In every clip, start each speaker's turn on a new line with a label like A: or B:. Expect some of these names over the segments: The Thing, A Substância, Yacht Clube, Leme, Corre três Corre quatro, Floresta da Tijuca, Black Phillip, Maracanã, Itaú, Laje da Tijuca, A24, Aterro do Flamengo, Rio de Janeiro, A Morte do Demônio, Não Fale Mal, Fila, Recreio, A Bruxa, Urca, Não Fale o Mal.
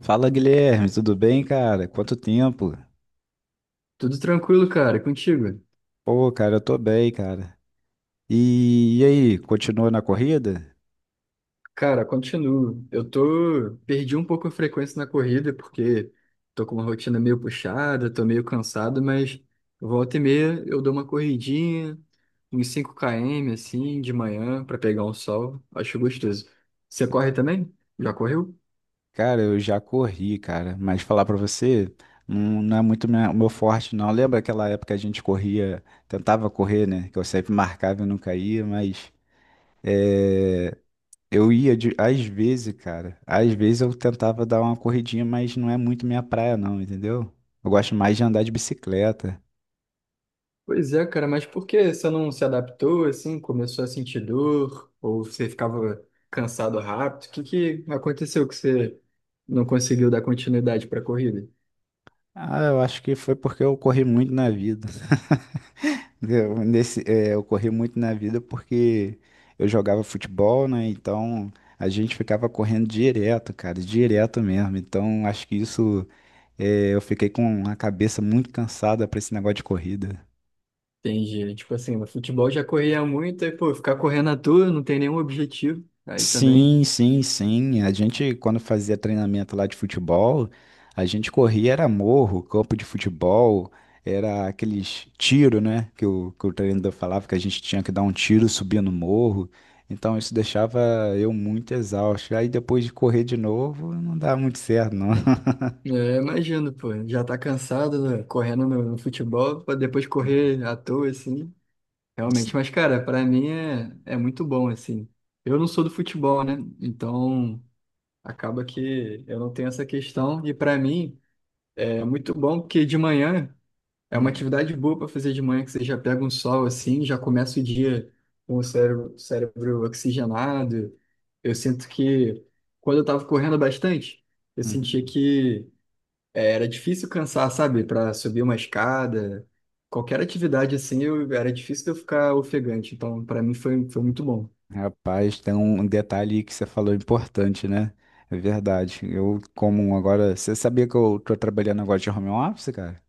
A: Fala Guilherme, tudo bem, cara? Quanto tempo?
B: Tudo tranquilo, cara, e contigo?
A: Pô, cara, eu tô bem, cara. E aí, continua na corrida?
B: Cara, continuo. Eu tô. Perdi um pouco a frequência na corrida, porque tô com uma rotina meio puxada, tô meio cansado, mas volta e meia eu dou uma corridinha, uns 5 km assim, de manhã, pra pegar um sol. Acho gostoso. Você corre também? Já correu?
A: Cara, eu já corri, cara, mas falar pra você, não, não é muito o meu forte, não. Lembra aquela época que a gente corria, tentava correr, né? Que eu sempre marcava e nunca ia, mas é, eu ia às vezes, cara. Às vezes eu tentava dar uma corridinha, mas não é muito minha praia, não, entendeu? Eu gosto mais de andar de bicicleta.
B: Pois é, cara, mas por que você não se adaptou assim? Começou a sentir dor? Ou você ficava cansado rápido? O que que aconteceu que você não conseguiu dar continuidade para a corrida?
A: Ah, eu acho que foi porque eu corri muito na vida. Eu corri muito na vida porque eu jogava futebol, né? Então a gente ficava correndo direto, cara, direto mesmo. Então acho que isso, eu fiquei com a cabeça muito cansada pra esse negócio de corrida.
B: Entendi. Tipo assim, no futebol já corria muito, aí, pô, ficar correndo à toa, não tem nenhum objetivo. Aí também.
A: Sim, sim, sim. A gente, quando fazia treinamento lá de futebol, a gente corria, era morro, campo de futebol, era aqueles tiro, né? Que o treinador falava que a gente tinha que dar um tiro subindo o morro. Então isso deixava eu muito exausto. Aí depois de correr de novo, não dava muito certo, não.
B: É, imagino, pô, já tá cansado, né, correndo no futebol, pra depois correr à toa, assim. Realmente,
A: Sim.
B: mas, cara, pra mim é muito bom, assim. Eu não sou do futebol, né? Então, acaba que eu não tenho essa questão. E pra mim, é muito bom porque de manhã. É uma
A: Hum,
B: atividade boa para fazer de manhã, que você já pega um sol assim, já começa o dia com o cérebro, cérebro oxigenado. Eu sinto que quando eu estava correndo bastante, eu sentia
A: uhum.
B: que era difícil cansar, sabe? Para subir uma escada, qualquer atividade assim, eu, era difícil de eu ficar ofegante. Então, para mim foi muito bom.
A: Rapaz, tem um detalhe que você falou importante, né? É verdade. Eu, como agora. Você sabia que eu tô trabalhando agora de home office, cara?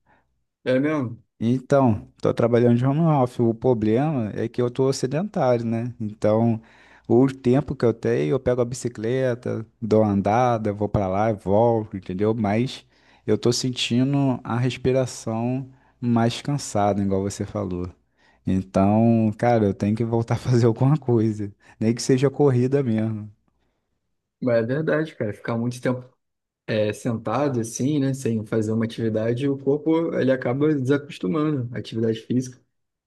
B: É mesmo?
A: Então, estou trabalhando de home office. O problema é que eu estou sedentário, né? Então, o tempo que eu tenho, eu pego a bicicleta, dou uma andada, vou para lá e volto, entendeu? Mas eu estou sentindo a respiração mais cansada, igual você falou. Então, cara, eu tenho que voltar a fazer alguma coisa, nem que seja corrida mesmo.
B: Mas é verdade, cara. Ficar muito tempo sentado assim, né, sem fazer uma atividade, o corpo ele acaba desacostumando à atividade física.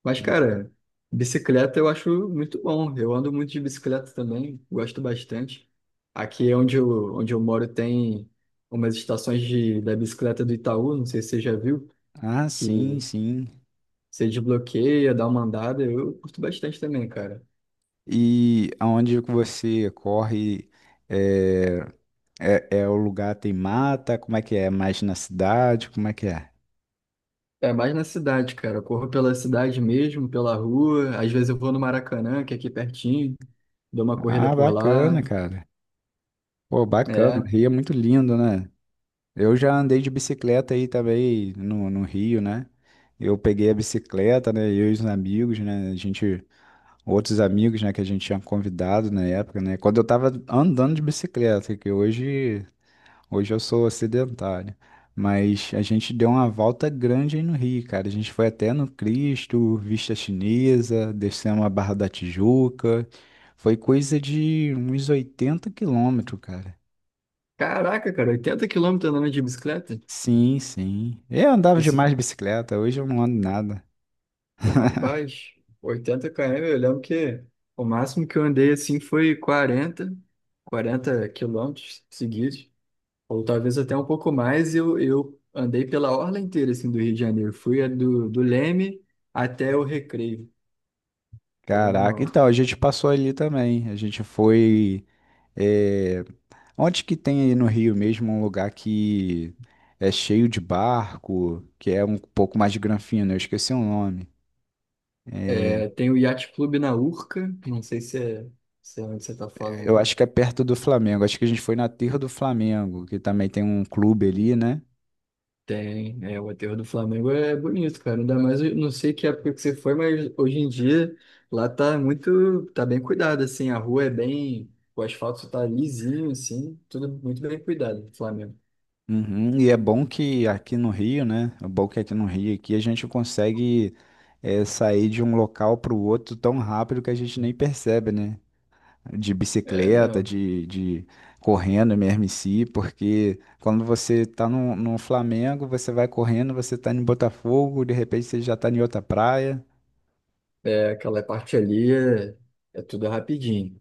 B: Mas, cara, bicicleta eu acho muito bom. Eu ando muito de bicicleta também, gosto bastante. Aqui é onde onde eu moro tem umas estações da bicicleta do Itaú, não sei se você já viu,
A: Ah,
B: que
A: sim, sim.
B: você desbloqueia, dá uma andada. Eu curto bastante também, cara.
A: E aonde que você corre? eh, É, é o lugar tem mata? Como é que é? Mais na cidade? Como é que é?
B: É mais na cidade, cara. Eu corro pela cidade mesmo, pela rua. Às vezes eu vou no Maracanã, que é aqui pertinho, dou uma corrida
A: Ah,
B: por
A: bacana,
B: lá.
A: cara. Pô, bacana.
B: É.
A: O Rio é muito lindo, né? Eu já andei de bicicleta aí também no Rio, né? Eu peguei a bicicleta, né? Eu e os amigos, né? A gente, outros amigos, né? Que a gente tinha convidado na época, né? Quando eu tava andando de bicicleta. Que hoje Hoje eu sou sedentário, mas a gente deu uma volta grande aí no Rio, cara. A gente foi até no Cristo, Vista Chinesa, descemos a Barra da Tijuca. Foi coisa de uns 80 km, cara.
B: Caraca, cara, 80 km andando de bicicleta?
A: Sim, sim. Eu andava
B: Esse...
A: demais de bicicleta, hoje eu não ando nada.
B: Rapaz, 80 km, eu lembro que o máximo que eu andei assim foi 40 km seguidos, ou talvez até um pouco mais. Eu andei pela orla inteira assim, do Rio de Janeiro. Fui a do Leme até o Recreio. Foi
A: Caraca,
B: um-
A: então a gente passou ali também. A gente foi. eh, Onde que tem aí no Rio mesmo um lugar que é cheio de barco, que é um pouco mais de granfino? Eu esqueci o nome.
B: É, tem o Yacht Clube na Urca, não sei se é onde você tá
A: Eu
B: falando.
A: acho que é perto do Flamengo. Acho que a gente foi na Terra do Flamengo, que também tem um clube ali, né?
B: Tem, o aterro do Flamengo é bonito, cara. Ainda mais, eu não sei que época que você foi, mas hoje em dia lá tá muito, tá bem cuidado, assim. A rua é bem, o asfalto tá lisinho, assim, tudo muito bem cuidado do Flamengo.
A: Uhum. E é bom que aqui no Rio, né? É bom que aqui no Rio aqui a gente consegue sair de um local para o outro tão rápido que a gente nem percebe, né? De
B: É,
A: bicicleta,
B: não,
A: de correndo mesmo em si, porque quando você está no Flamengo, você vai correndo, você está em Botafogo, de repente você já está em outra praia.
B: aquela parte ali é tudo rapidinho.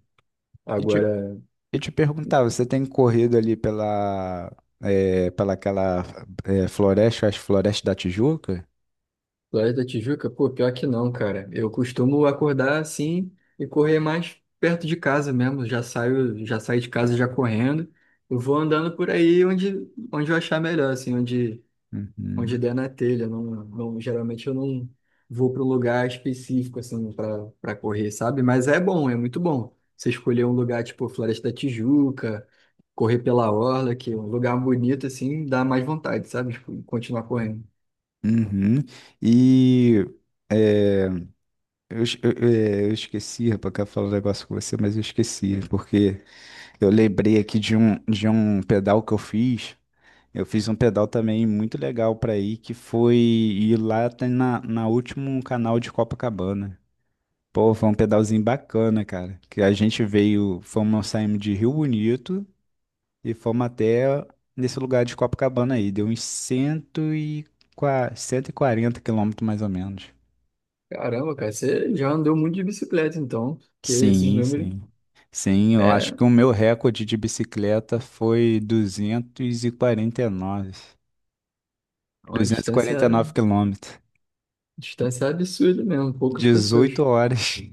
A: E te,
B: Agora.
A: e te perguntar, você tem corrido ali pela aquela floresta, as florestas da Tijuca?
B: Laje da Tijuca? Pô, pior que não, cara. Eu costumo acordar assim e correr mais perto de casa mesmo. Já saio de casa já correndo. Eu vou andando por aí onde eu achar melhor, assim, onde
A: Uhum.
B: der na telha. Não, não, geralmente eu não vou para um lugar específico, assim, para correr, sabe? Mas é bom, é muito bom. Você escolher um lugar tipo Floresta da Tijuca, correr pela orla, que é um lugar bonito, assim, dá mais vontade, sabe? Tipo, continuar correndo.
A: Uhum. E eh, eu esqueci, rapaz, que eu ia falar um negócio com você, mas eu esqueci, porque eu lembrei aqui de um pedal que eu fiz. Eu fiz um pedal também muito legal pra ir, que foi ir lá até na último canal de Copacabana. Pô, foi um pedalzinho bacana, cara. Que a gente veio, fomos, saímos de Rio Bonito e fomos até nesse lugar de Copacabana aí. Deu uns 140 km mais ou menos.
B: Caramba, cara, você já andou muito de bicicleta, então, porque esses
A: Sim,
B: números
A: sim. Sim, eu acho
B: é
A: que o meu recorde de bicicleta foi 249.
B: uma
A: Duzentos e
B: distância,
A: quarenta e nove quilômetros.
B: distância absurda mesmo, poucas pessoas.
A: 18 horas.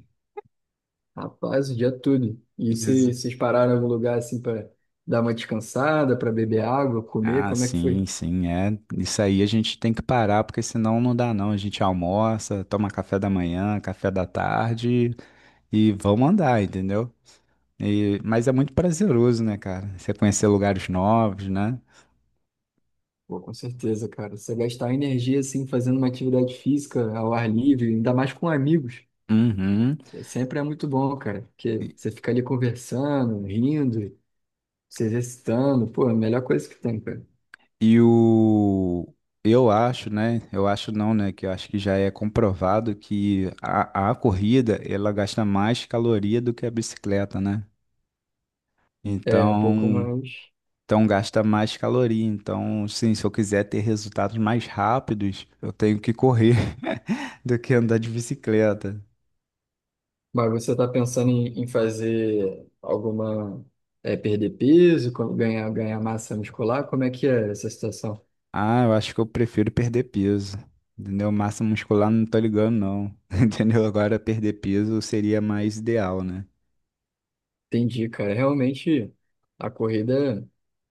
B: Rapaz, o dia todo. E
A: Dezo-
B: se, vocês pararam em algum lugar assim para dar uma descansada, para beber água, comer,
A: Ah,
B: como é que
A: sim,
B: foi?
A: sim, é. Isso aí a gente tem que parar, porque senão não dá não. A gente almoça, toma café da manhã, café da tarde e vamos andar, entendeu? Mas é muito prazeroso, né, cara? Você conhecer lugares novos, né?
B: Pô, com certeza, cara. Você gastar energia assim fazendo uma atividade física ao ar livre, ainda mais com amigos,
A: Uhum.
B: sempre é muito bom, cara, porque
A: E,
B: você fica ali conversando, rindo, se exercitando, pô, é a melhor coisa que tem, cara.
A: e o... Eu acho, né? Eu acho não, né? Que eu acho que já é comprovado que a corrida, ela gasta mais caloria do que a bicicleta, né?
B: É, um pouco
A: Então,
B: mais.
A: então, gasta mais caloria. Então, sim, se eu quiser ter resultados mais rápidos, eu tenho que correr do que andar de bicicleta.
B: Mas você está pensando em fazer alguma, perder peso, ganhar massa muscular? Como é que é essa situação?
A: Ah, eu acho que eu prefiro perder peso. Entendeu? Massa muscular não tô ligando, não. Entendeu? Agora perder peso seria mais ideal, né?
B: Entendi, cara. Realmente, a corrida,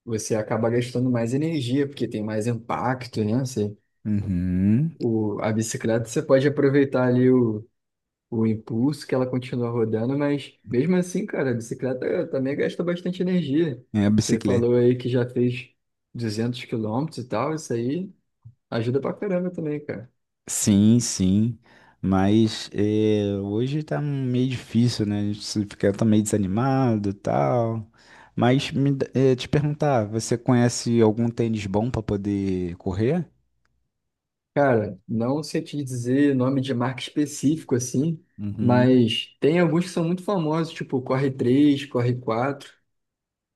B: você acaba gastando mais energia, porque tem mais impacto, né? Você,
A: Uhum.
B: a bicicleta, você pode aproveitar ali o impulso que ela continua rodando, mas mesmo assim, cara, a bicicleta também gasta bastante energia.
A: É a
B: Você
A: bicicleta.
B: falou aí que já fez 200 km e tal, isso aí ajuda pra caramba também, cara.
A: Sim, sim, mas hoje tá meio difícil, né? A gente se fica tá meio desanimado e tal. Mas te perguntar, você conhece algum tênis bom para poder correr?
B: Cara, não sei te dizer nome de marca específico assim,
A: Uhum,
B: mas tem alguns que são muito famosos, tipo Corre 3 Corre 4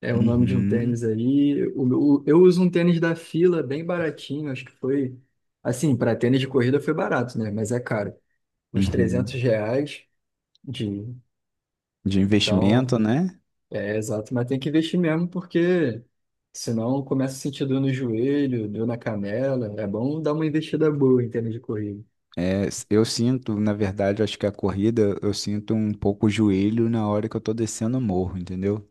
B: é o nome de um
A: uhum,
B: tênis aí. Eu uso um tênis da Fila, bem baratinho, acho que foi. Assim, para tênis de corrida foi barato, né? Mas é caro. Uns 300
A: uhum.
B: reais de.
A: De
B: Então,
A: investimento, né?
B: é exato, mas tem que investir mesmo, porque senão começa a sentir dor no joelho, dor na canela. É bom dar uma investida boa em tênis de corrida.
A: É, eu sinto, na verdade, acho que a corrida, eu sinto um pouco o joelho na hora que eu tô descendo o morro, entendeu?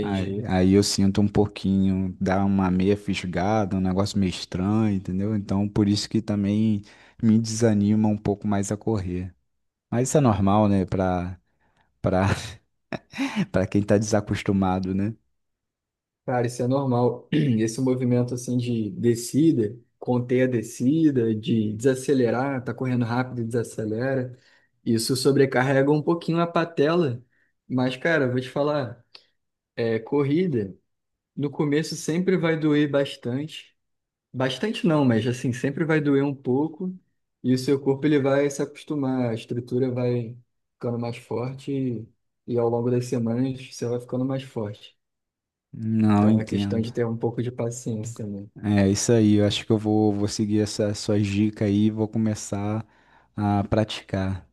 A: Aí, aí eu sinto um pouquinho, dá uma meia fisgada, um negócio meio estranho, entendeu? Então, por isso que também me desanima um pouco mais a correr. Mas isso é normal, né? Pra, pra quem tá desacostumado, né?
B: Cara, isso é normal. Esse movimento assim de descida, conter a descida, de desacelerar, tá correndo rápido e desacelera, isso sobrecarrega um pouquinho a patela. Mas, cara, eu vou te falar, corrida, no começo sempre vai doer bastante. Bastante não, mas assim, sempre vai doer um pouco. E o seu corpo ele vai se acostumar, a estrutura vai ficando mais forte e ao longo das semanas você vai ficando mais forte.
A: Não
B: Então é questão
A: entendo.
B: de ter um pouco de paciência, né?
A: É isso aí, eu acho que eu vou seguir essa sua dica aí e vou começar a praticar.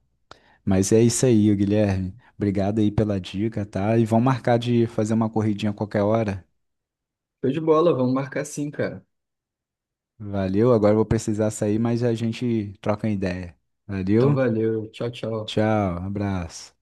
A: Mas é isso aí, Guilherme. Obrigado aí pela dica, tá? E vamos marcar de fazer uma corridinha a qualquer hora.
B: Show de bola, vamos marcar sim, cara.
A: Valeu, agora eu vou precisar sair, mas a gente troca ideia.
B: Então
A: Valeu,
B: valeu, tchau, tchau.
A: tchau, abraço.